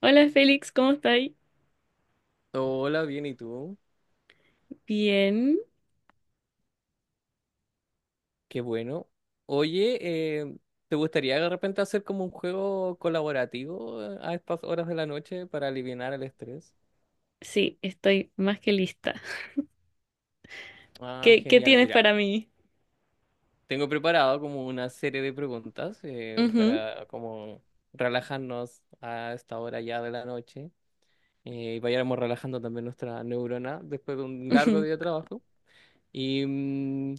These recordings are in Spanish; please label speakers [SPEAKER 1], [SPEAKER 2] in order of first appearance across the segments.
[SPEAKER 1] Hola Félix, ¿cómo estáis?
[SPEAKER 2] Hola, bien, ¿y tú?
[SPEAKER 1] Bien,
[SPEAKER 2] Qué bueno. Oye, eh, ¿te gustaría de repente hacer como un juego colaborativo a estas horas de la noche para aliviar el estrés?
[SPEAKER 1] sí, estoy más que lista.
[SPEAKER 2] Ah,
[SPEAKER 1] ¿Qué
[SPEAKER 2] genial.
[SPEAKER 1] tienes
[SPEAKER 2] Mira,
[SPEAKER 1] para mí?
[SPEAKER 2] tengo preparado como una serie de preguntas
[SPEAKER 1] Ujú,
[SPEAKER 2] para como relajarnos a esta hora ya de la noche y vayamos relajando también nuestra neurona después de un largo
[SPEAKER 1] ujú,
[SPEAKER 2] día de trabajo. y mm,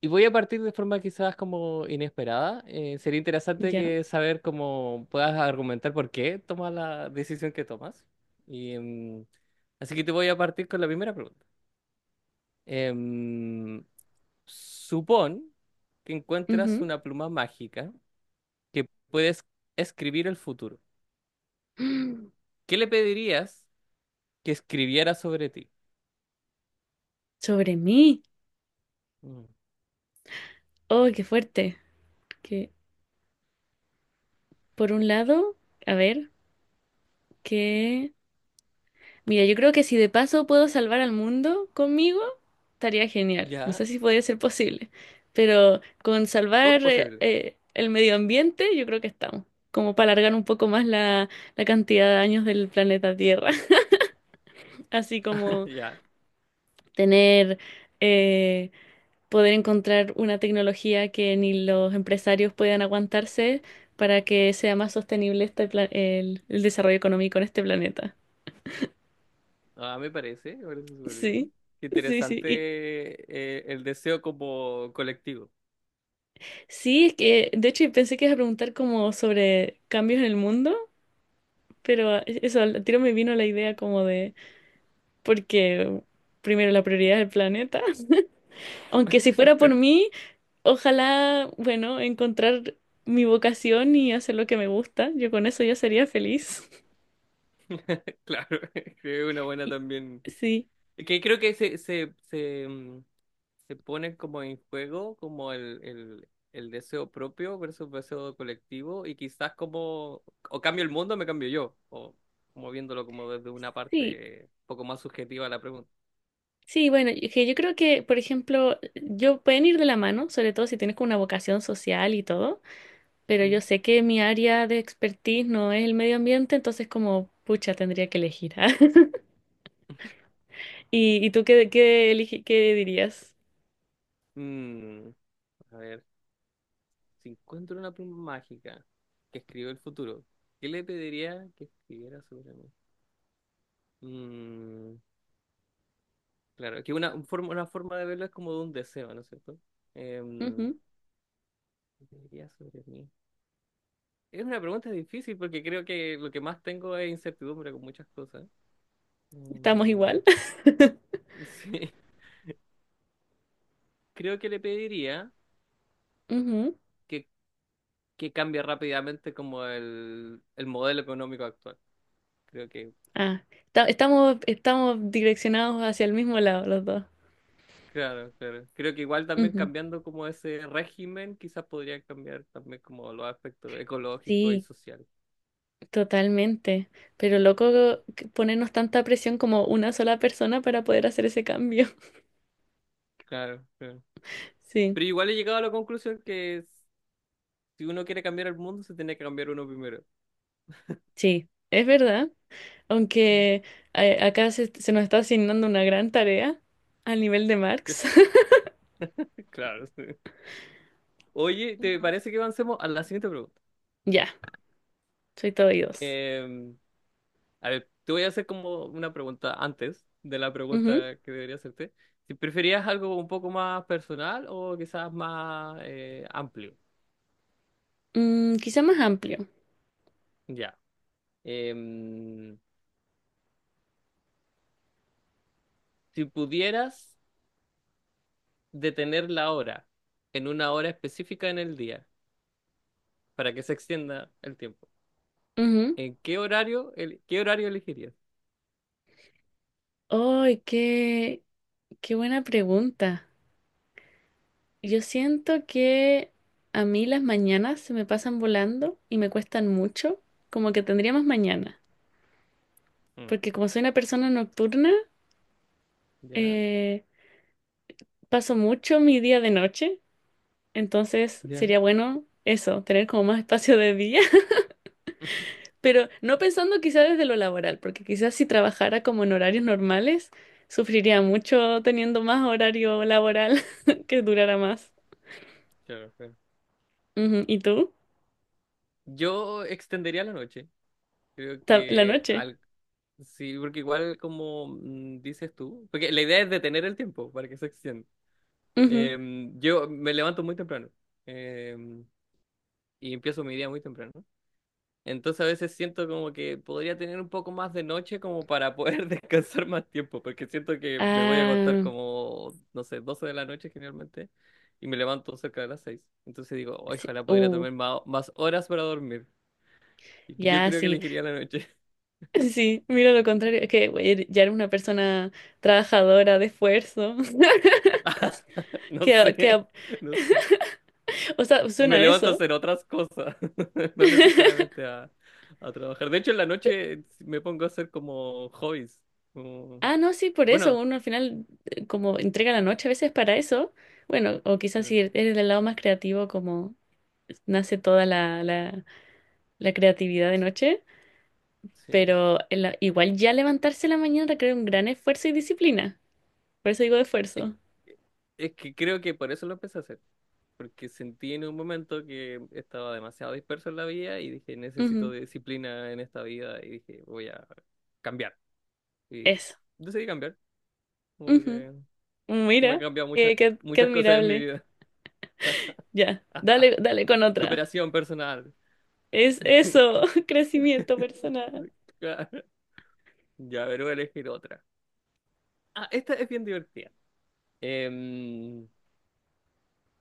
[SPEAKER 2] Y voy a partir de forma quizás como inesperada. Sería interesante
[SPEAKER 1] ya,
[SPEAKER 2] que saber cómo puedas argumentar por qué tomas la decisión que tomas. Y, em, Así que te voy a partir con la primera pregunta. Em, Supón que encuentras
[SPEAKER 1] ujú.
[SPEAKER 2] una pluma mágica que puedes escribir el futuro.
[SPEAKER 1] Mm,
[SPEAKER 2] ¿Qué le pedirías que escribiera sobre ti?
[SPEAKER 1] sobre mí.
[SPEAKER 2] Mm.
[SPEAKER 1] Oh, qué fuerte. Que por un lado, a ver, que mira, yo creo que si de paso puedo salvar al mundo conmigo, estaría genial. No sé
[SPEAKER 2] Ya,
[SPEAKER 1] si podría ser posible, pero con
[SPEAKER 2] todo es
[SPEAKER 1] salvar
[SPEAKER 2] posible.
[SPEAKER 1] el medio ambiente, yo creo que estamos. Como para alargar un poco más la cantidad de años del planeta Tierra. Así como
[SPEAKER 2] Ya.
[SPEAKER 1] tener, eh, poder encontrar una tecnología que ni los empresarios puedan aguantarse para que sea más sostenible el desarrollo económico en este planeta.
[SPEAKER 2] Ah, me parece súper
[SPEAKER 1] Sí,
[SPEAKER 2] bien. Qué
[SPEAKER 1] sí, sí.
[SPEAKER 2] interesante,
[SPEAKER 1] Y
[SPEAKER 2] el deseo como colectivo.
[SPEAKER 1] sí, es que de hecho pensé que ibas a preguntar como sobre cambios en el mundo, pero eso, al tiro me vino la idea como de, porque primero la prioridad es el planeta. Aunque si fuera por mí... Ojalá, bueno, encontrar mi vocación y hacer lo que me gusta. Yo con eso ya sería feliz.
[SPEAKER 2] Claro, creo que es una buena
[SPEAKER 1] Y-
[SPEAKER 2] también.
[SPEAKER 1] sí,
[SPEAKER 2] Que creo que se pone como en juego como el deseo propio versus el deseo colectivo y quizás como o cambio el mundo o me cambio yo, o como viéndolo como desde una
[SPEAKER 1] sí,
[SPEAKER 2] parte un poco más subjetiva la pregunta.
[SPEAKER 1] sí, bueno, y que yo creo que, por ejemplo, yo pueden ir de la mano, sobre todo si tienes como una vocación social y todo, pero yo
[SPEAKER 2] Ujú.
[SPEAKER 1] sé que mi área de expertise no es el medio ambiente, entonces como, pucha, tendría que elegir. ¿Ah? ¿Y, y tú qué, qué dirías?
[SPEAKER 2] Mm, a ver. Si encuentro una pluma mágica que escribió el futuro, ¿qué le pediría que escribiera sobre mí? Mm, claro, que una forma de verlo es como de un deseo, ¿no es cierto? Em,
[SPEAKER 1] Ujú,
[SPEAKER 2] ¿Qué pediría sobre mí? Es una pregunta difícil porque creo que lo que más tengo es incertidumbre con muchas cosas.
[SPEAKER 1] ¿estamos
[SPEAKER 2] Mm,
[SPEAKER 1] igual?
[SPEAKER 2] sí, creo que le pediría
[SPEAKER 1] Ujú.
[SPEAKER 2] que, que cambie rápidamente como el modelo económico actual. Creo que.
[SPEAKER 1] Ah, estamos, estamos direccionados hacia el mismo lado los dos.
[SPEAKER 2] Claro, claro. Creo que igual también
[SPEAKER 1] Ujú.
[SPEAKER 2] cambiando como ese régimen, quizás podría cambiar también como los aspectos ecológicos y
[SPEAKER 1] Sí,
[SPEAKER 2] sociales.
[SPEAKER 1] totalmente. Pero loco que ponernos tanta presión como una sola persona para poder hacer ese cambio.
[SPEAKER 2] Claro, claro.
[SPEAKER 1] Sí,
[SPEAKER 2] Pero igual he llegado a la conclusión que si uno quiere cambiar el mundo, se tiene que cambiar uno primero.
[SPEAKER 1] sí, es verdad.
[SPEAKER 2] Mm.
[SPEAKER 1] Aunque acá se nos está asignando una gran tarea al nivel de Marx.
[SPEAKER 2] Claro, sí. Oye, ¿te
[SPEAKER 1] Ujú.
[SPEAKER 2] parece que avancemos a la siguiente pregunta?
[SPEAKER 1] Ya, soy todo oídos.
[SPEAKER 2] Eh, a ver, te voy a hacer como una pregunta antes de la
[SPEAKER 1] Ujú.
[SPEAKER 2] pregunta que debería hacerte. Si preferías algo un poco más personal o quizás más amplio.
[SPEAKER 1] Mm, quizá más amplio.
[SPEAKER 2] Ya. Em, Si pudieras detener la hora en una hora específica en el día para que se extienda el tiempo,
[SPEAKER 1] Ujú.
[SPEAKER 2] ¿en qué horario, qué horario elegirías?
[SPEAKER 1] Ay, qué buena pregunta. Yo siento que a mí las mañanas se me pasan volando y me cuestan mucho, como que tendría más mañana.
[SPEAKER 2] Mm.
[SPEAKER 1] Porque como soy una persona nocturna,
[SPEAKER 2] ¿Ya?
[SPEAKER 1] eh, paso mucho mi día de noche, entonces
[SPEAKER 2] ¿Ya?
[SPEAKER 1] sería bueno eso, tener como más espacio de día, pero no pensando quizás desde lo laboral, porque quizás si trabajara como en horarios normales, sufriría mucho teniendo más horario laboral que durara más.
[SPEAKER 2] Claro, claro.
[SPEAKER 1] Ujú, ¿y tú?
[SPEAKER 2] Yo extendería la noche. Creo
[SPEAKER 1] La
[SPEAKER 2] que
[SPEAKER 1] noche.
[SPEAKER 2] al... Sí, porque igual como dices tú, porque la idea es detener el tiempo para que se extienda.
[SPEAKER 1] Ujú.
[SPEAKER 2] Yo me levanto muy temprano em, y empiezo mi día muy temprano. Entonces a veces siento como que podría tener un poco más de noche como para poder descansar más tiempo, porque siento que me voy a acostar
[SPEAKER 1] Ah,
[SPEAKER 2] como, no sé, 12 de la noche generalmente, y me levanto cerca de las 6. Entonces digo, "Ay,
[SPEAKER 1] sí.
[SPEAKER 2] ojalá pudiera tomar más horas para dormir". Y yo
[SPEAKER 1] Ya,
[SPEAKER 2] creo que
[SPEAKER 1] sí.
[SPEAKER 2] elegiría la noche.
[SPEAKER 1] Sí, mira lo contrario, es que güey, ya era una persona trabajadora de esfuerzo.
[SPEAKER 2] No
[SPEAKER 1] Que, a- que,
[SPEAKER 2] sé,
[SPEAKER 1] a-
[SPEAKER 2] no sé.
[SPEAKER 1] o sea, suena
[SPEAKER 2] Me
[SPEAKER 1] a
[SPEAKER 2] levanto a
[SPEAKER 1] eso.
[SPEAKER 2] hacer otras cosas, no necesariamente a trabajar. De hecho, en la noche me pongo a hacer como hobbies. como-
[SPEAKER 1] Ah, no, sí, por eso
[SPEAKER 2] Bueno,
[SPEAKER 1] uno al final como entrega la noche a veces para eso. Bueno, o quizás
[SPEAKER 2] pero-
[SPEAKER 1] si eres del lado más creativo, como nace toda la creatividad de noche,
[SPEAKER 2] sí.
[SPEAKER 1] pero igual ya levantarse en la mañana requiere un gran esfuerzo y disciplina. Por eso digo de
[SPEAKER 2] Es,
[SPEAKER 1] esfuerzo.
[SPEAKER 2] es que creo que por eso lo empecé a hacer, porque sentí en un momento que estaba demasiado disperso en la vida y dije, necesito
[SPEAKER 1] Ujú,
[SPEAKER 2] de disciplina en esta vida y dije, voy a cambiar. Y
[SPEAKER 1] eso.
[SPEAKER 2] decidí cambiar, como
[SPEAKER 1] Ujú.
[SPEAKER 2] que como he
[SPEAKER 1] Mira,
[SPEAKER 2] cambiado muchas,
[SPEAKER 1] qué
[SPEAKER 2] muchas cosas en mi
[SPEAKER 1] admirable.
[SPEAKER 2] vida.
[SPEAKER 1] Ya, dale, dale con otra.
[SPEAKER 2] Superación personal.
[SPEAKER 1] Es eso, crecimiento personal.
[SPEAKER 2] Claro. Ya, pero voy a elegir otra. Ah, esta es bien divertida. Em,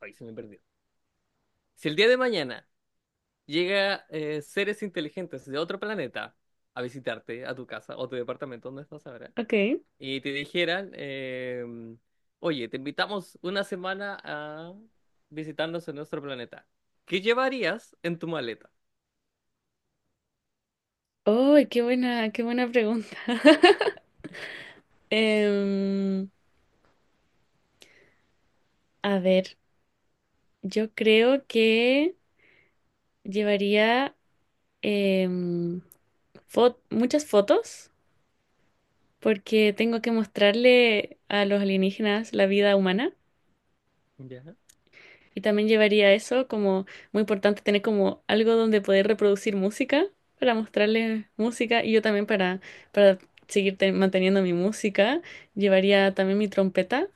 [SPEAKER 2] Ay, se me perdió. Si el día de mañana llega, seres inteligentes de otro planeta a visitarte a tu casa o tu departamento donde estás ahora
[SPEAKER 1] Ok.
[SPEAKER 2] y te dijeran, oye, te invitamos una semana a visitarnos en nuestro planeta. ¿Qué llevarías en tu maleta?
[SPEAKER 1] Oh, qué buena pregunta. Em, a ver, yo creo que llevaría em, muchas fotos porque tengo que mostrarle a los alienígenas la vida humana.
[SPEAKER 2] Ya.
[SPEAKER 1] Y también llevaría eso como muy importante tener como algo donde poder reproducir música para mostrarle música y yo también para seguir manteniendo mi música. Llevaría también mi trompeta,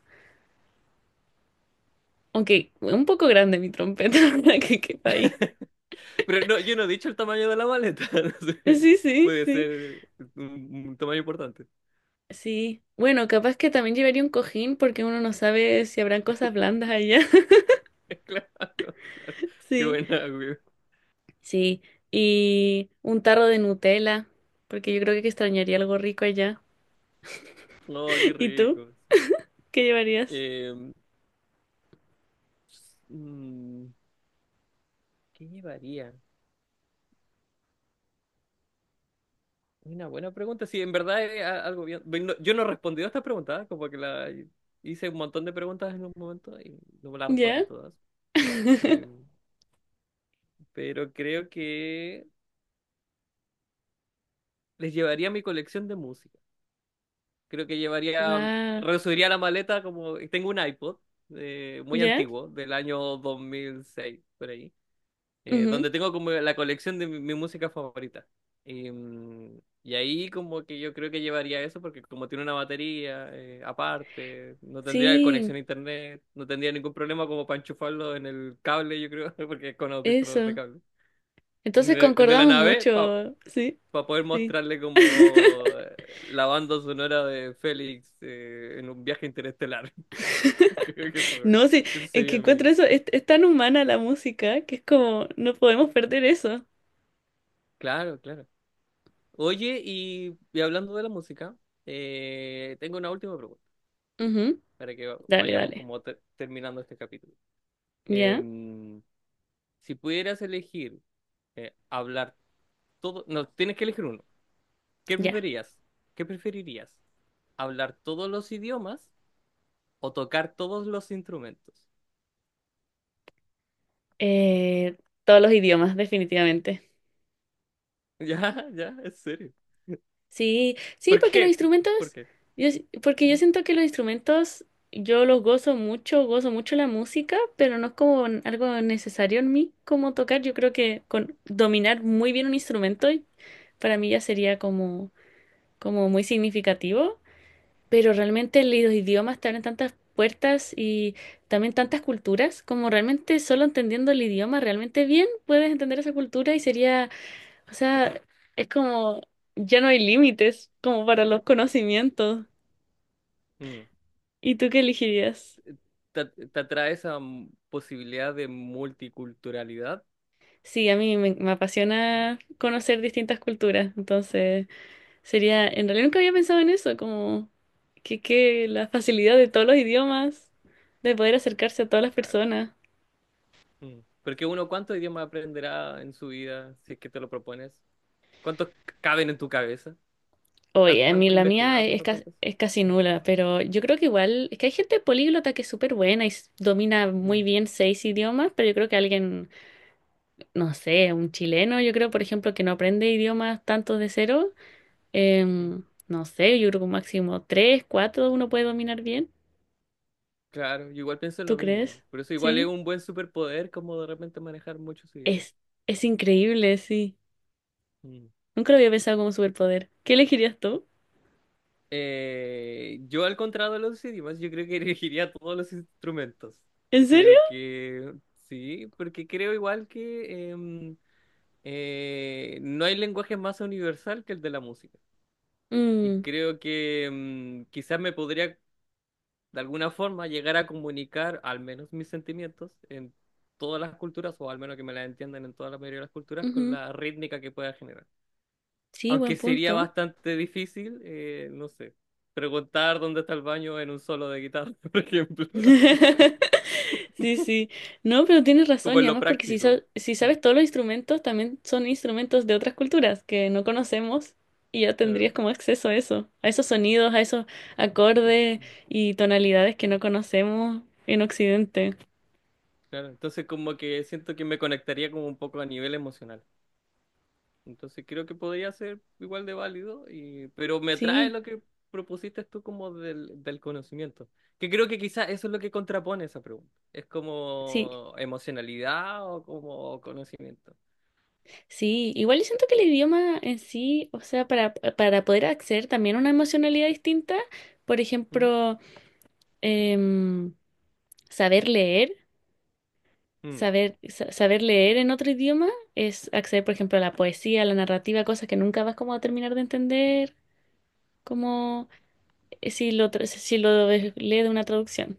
[SPEAKER 1] aunque un poco grande mi trompeta para que quepa ahí.
[SPEAKER 2] Pero no, yo no he dicho el tamaño de la maleta. No sé,
[SPEAKER 1] Sí, sí,
[SPEAKER 2] puede
[SPEAKER 1] sí.
[SPEAKER 2] ser un tamaño importante.
[SPEAKER 1] Sí. Bueno, capaz que también llevaría un cojín porque uno no sabe si habrán cosas blandas allá.
[SPEAKER 2] Claro, claro. Qué
[SPEAKER 1] Sí,
[SPEAKER 2] buena, güey.
[SPEAKER 1] sí. Y un tarro de Nutella, porque yo creo que extrañaría algo rico allá.
[SPEAKER 2] Oh, qué
[SPEAKER 1] ¿Y tú?
[SPEAKER 2] rico.
[SPEAKER 1] ¿Qué llevarías?
[SPEAKER 2] Eh, mm, ¿Qué llevaría? Una buena pregunta. Sí, en verdad es algo bien. Yo no he respondido a estas preguntas, ¿eh? Como que la hice un montón de preguntas en un momento y no me las respondí
[SPEAKER 1] ¿Ya?
[SPEAKER 2] todas. Em, pero creo que les llevaría mi colección de música. Creo que llevaría,
[SPEAKER 1] Wow.
[SPEAKER 2] resubiría la maleta como tengo un iPod, muy
[SPEAKER 1] ¿Ya?
[SPEAKER 2] antiguo, del año 2006 por ahí, donde
[SPEAKER 1] Ujú.
[SPEAKER 2] tengo como la colección de mi música favorita. Y ahí como que yo creo que llevaría eso porque como tiene una batería aparte, no tendría conexión
[SPEAKER 1] Sí,
[SPEAKER 2] a internet, no tendría ningún problema como para enchufarlo en el cable, yo creo, porque es con audífonos de
[SPEAKER 1] eso.
[SPEAKER 2] cable. En
[SPEAKER 1] Entonces
[SPEAKER 2] el de la
[SPEAKER 1] concordamos
[SPEAKER 2] nave, para
[SPEAKER 1] mucho, sí,
[SPEAKER 2] poder
[SPEAKER 1] sí.
[SPEAKER 2] mostrarle como, la banda sonora de Félix, en un viaje interestelar. Creo que eso,
[SPEAKER 1] No, sí,
[SPEAKER 2] eso
[SPEAKER 1] en que
[SPEAKER 2] sería
[SPEAKER 1] encuentro
[SPEAKER 2] mi...
[SPEAKER 1] eso, es tan humana la música que es como, no podemos perder eso.
[SPEAKER 2] Claro, claro. Oye, y hablando de la música, tengo una última pregunta
[SPEAKER 1] Ujú.
[SPEAKER 2] para que
[SPEAKER 1] Dale,
[SPEAKER 2] vayamos
[SPEAKER 1] dale.
[SPEAKER 2] como terminando este capítulo.
[SPEAKER 1] ¿Ya?
[SPEAKER 2] Em, si pudieras elegir, hablar todo, no, tienes que elegir uno. ¿Qué
[SPEAKER 1] Ya.
[SPEAKER 2] preferías? ¿Qué preferirías? ¿Hablar todos los idiomas o tocar todos los instrumentos?
[SPEAKER 1] Eh, todos los idiomas, definitivamente.
[SPEAKER 2] Ya, ya, en serio.
[SPEAKER 1] Sí, sí,
[SPEAKER 2] ¿Por
[SPEAKER 1] porque los
[SPEAKER 2] qué? ¿Por
[SPEAKER 1] instrumentos,
[SPEAKER 2] qué?
[SPEAKER 1] porque yo siento que los instrumentos, yo los gozo mucho la música, pero no es como algo necesario en mí como tocar. Yo creo que con dominar muy bien un instrumento para mí ya sería como, como muy significativo, pero realmente los idiomas te abren tantas puertas y también tantas culturas, como realmente solo entendiendo el idioma realmente bien puedes entender esa cultura y sería, o sea, es como, ya no hay límites como para los conocimientos.
[SPEAKER 2] Mm.
[SPEAKER 1] ¿Y tú qué elegirías?
[SPEAKER 2] ¿Te atrae esa posibilidad de multiculturalidad?
[SPEAKER 1] Sí, a mí me apasiona conocer distintas culturas, entonces sería, en realidad nunca había pensado en eso, como que la facilidad de todos los idiomas, de poder acercarse a todas las
[SPEAKER 2] Claro.
[SPEAKER 1] personas.
[SPEAKER 2] Mm. Porque uno, ¿cuántos idiomas aprenderá en su vida si es que te lo propones? ¿Cuántos caben en tu cabeza? ¿Has,
[SPEAKER 1] Oye, a
[SPEAKER 2] has
[SPEAKER 1] mí la mía
[SPEAKER 2] investigado con
[SPEAKER 1] es,
[SPEAKER 2] respecto a eso?
[SPEAKER 1] es casi
[SPEAKER 2] Mm,
[SPEAKER 1] nula, pero yo creo que igual, es que hay gente políglota que es súper buena y domina
[SPEAKER 2] mm,
[SPEAKER 1] muy bien seis idiomas, pero yo creo que alguien no sé, un chileno, yo creo, por ejemplo, que no aprende idiomas tanto de cero,
[SPEAKER 2] ujú.
[SPEAKER 1] no sé, yo creo que un máximo tres, cuatro uno puede dominar bien.
[SPEAKER 2] Claro, yo igual pienso
[SPEAKER 1] ¿Tú
[SPEAKER 2] lo mismo.
[SPEAKER 1] crees?
[SPEAKER 2] Por eso igual es
[SPEAKER 1] Sí.
[SPEAKER 2] un buen superpoder como de repente manejar muchos idiomas.
[SPEAKER 1] Es, es increíble, sí.
[SPEAKER 2] Mm.
[SPEAKER 1] Nunca lo había pensado como superpoder. ¿Qué elegirías tú?
[SPEAKER 2] Yo al contrario de los idiomas, yo creo que elegiría todos los instrumentos.
[SPEAKER 1] ¿En serio?
[SPEAKER 2] Creo que sí, porque creo igual que no hay lenguaje más universal que el de la música. Y
[SPEAKER 1] Mm,
[SPEAKER 2] creo que quizás me podría de alguna forma llegar a comunicar al menos mis sentimientos en todas las culturas, o al menos que me las entiendan en toda la mayoría de las culturas, con
[SPEAKER 1] ujú.
[SPEAKER 2] la rítmica que pueda generar.
[SPEAKER 1] Sí, buen
[SPEAKER 2] Aunque sería
[SPEAKER 1] punto.
[SPEAKER 2] bastante difícil, no sé, preguntar dónde está el baño en un solo de guitarra, por ejemplo, no sé,
[SPEAKER 1] Sí, sí. No, pero tienes
[SPEAKER 2] como
[SPEAKER 1] razón, y
[SPEAKER 2] en lo
[SPEAKER 1] además porque si,
[SPEAKER 2] práctico.
[SPEAKER 1] si
[SPEAKER 2] Mm,
[SPEAKER 1] sabes todos los instrumentos, también son instrumentos de otras culturas que no conocemos y ya tendrías
[SPEAKER 2] claro,
[SPEAKER 1] como acceso a eso, a esos sonidos, a esos acordes
[SPEAKER 2] mm,
[SPEAKER 1] y tonalidades que no conocemos en Occidente.
[SPEAKER 2] claro. Entonces como que siento que me conectaría como un poco a nivel emocional. Entonces creo que podría ser igual de válido, pero me atrae
[SPEAKER 1] Sí,
[SPEAKER 2] lo que propusiste tú como del conocimiento, que creo que quizás eso es lo que contrapone esa pregunta. Es
[SPEAKER 1] sí,
[SPEAKER 2] como emocionalidad o como conocimiento.
[SPEAKER 1] sí. Igual yo siento que el idioma en sí, o sea, para poder acceder también a una emocionalidad distinta, por
[SPEAKER 2] ¿Mm?
[SPEAKER 1] ejemplo, em, saber leer.
[SPEAKER 2] Mm.
[SPEAKER 1] Saber, saber leer en otro idioma es acceder, por ejemplo, a la poesía, a la narrativa, cosas que nunca vas como a terminar de entender, como si lo, si lo lees de una traducción.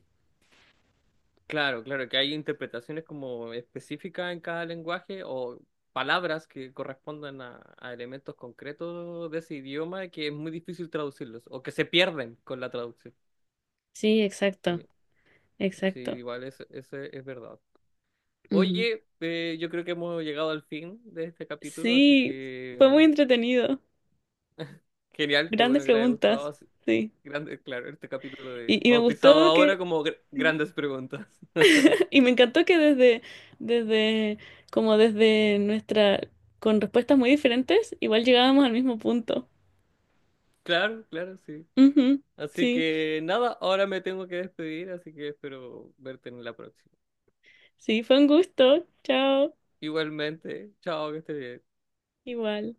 [SPEAKER 2] Claro, claro, que hay interpretaciones como específicas en cada lenguaje o palabras que correspondan a elementos concretos de ese idioma que es muy difícil traducirlos o que se pierden con la traducción.
[SPEAKER 1] Sí, exacto,
[SPEAKER 2] Sí, sí,
[SPEAKER 1] exacto.
[SPEAKER 2] igual eso es verdad.
[SPEAKER 1] Ujú.
[SPEAKER 2] Oye, yo creo que hemos llegado al fin de este capítulo, así
[SPEAKER 1] Sí, fue
[SPEAKER 2] que
[SPEAKER 1] muy entretenido.
[SPEAKER 2] genial, qué
[SPEAKER 1] Grandes
[SPEAKER 2] bueno que te haya gustado.
[SPEAKER 1] preguntas, sí.
[SPEAKER 2] Grande, claro, este capítulo de
[SPEAKER 1] Y me
[SPEAKER 2] bautizado
[SPEAKER 1] gustó
[SPEAKER 2] ahora
[SPEAKER 1] que,
[SPEAKER 2] como
[SPEAKER 1] sí.
[SPEAKER 2] grandes preguntas.
[SPEAKER 1] Y me encantó que desde, desde, como desde nuestra, con respuestas muy diferentes, igual llegábamos al mismo punto.
[SPEAKER 2] Claro, claro, sí.
[SPEAKER 1] Ujú,
[SPEAKER 2] Así
[SPEAKER 1] sí.
[SPEAKER 2] que nada, ahora me tengo que despedir, así que espero verte en la próxima.
[SPEAKER 1] Sí, fue un gusto. Chao.
[SPEAKER 2] Igualmente, chao, que estés bien.
[SPEAKER 1] Igual.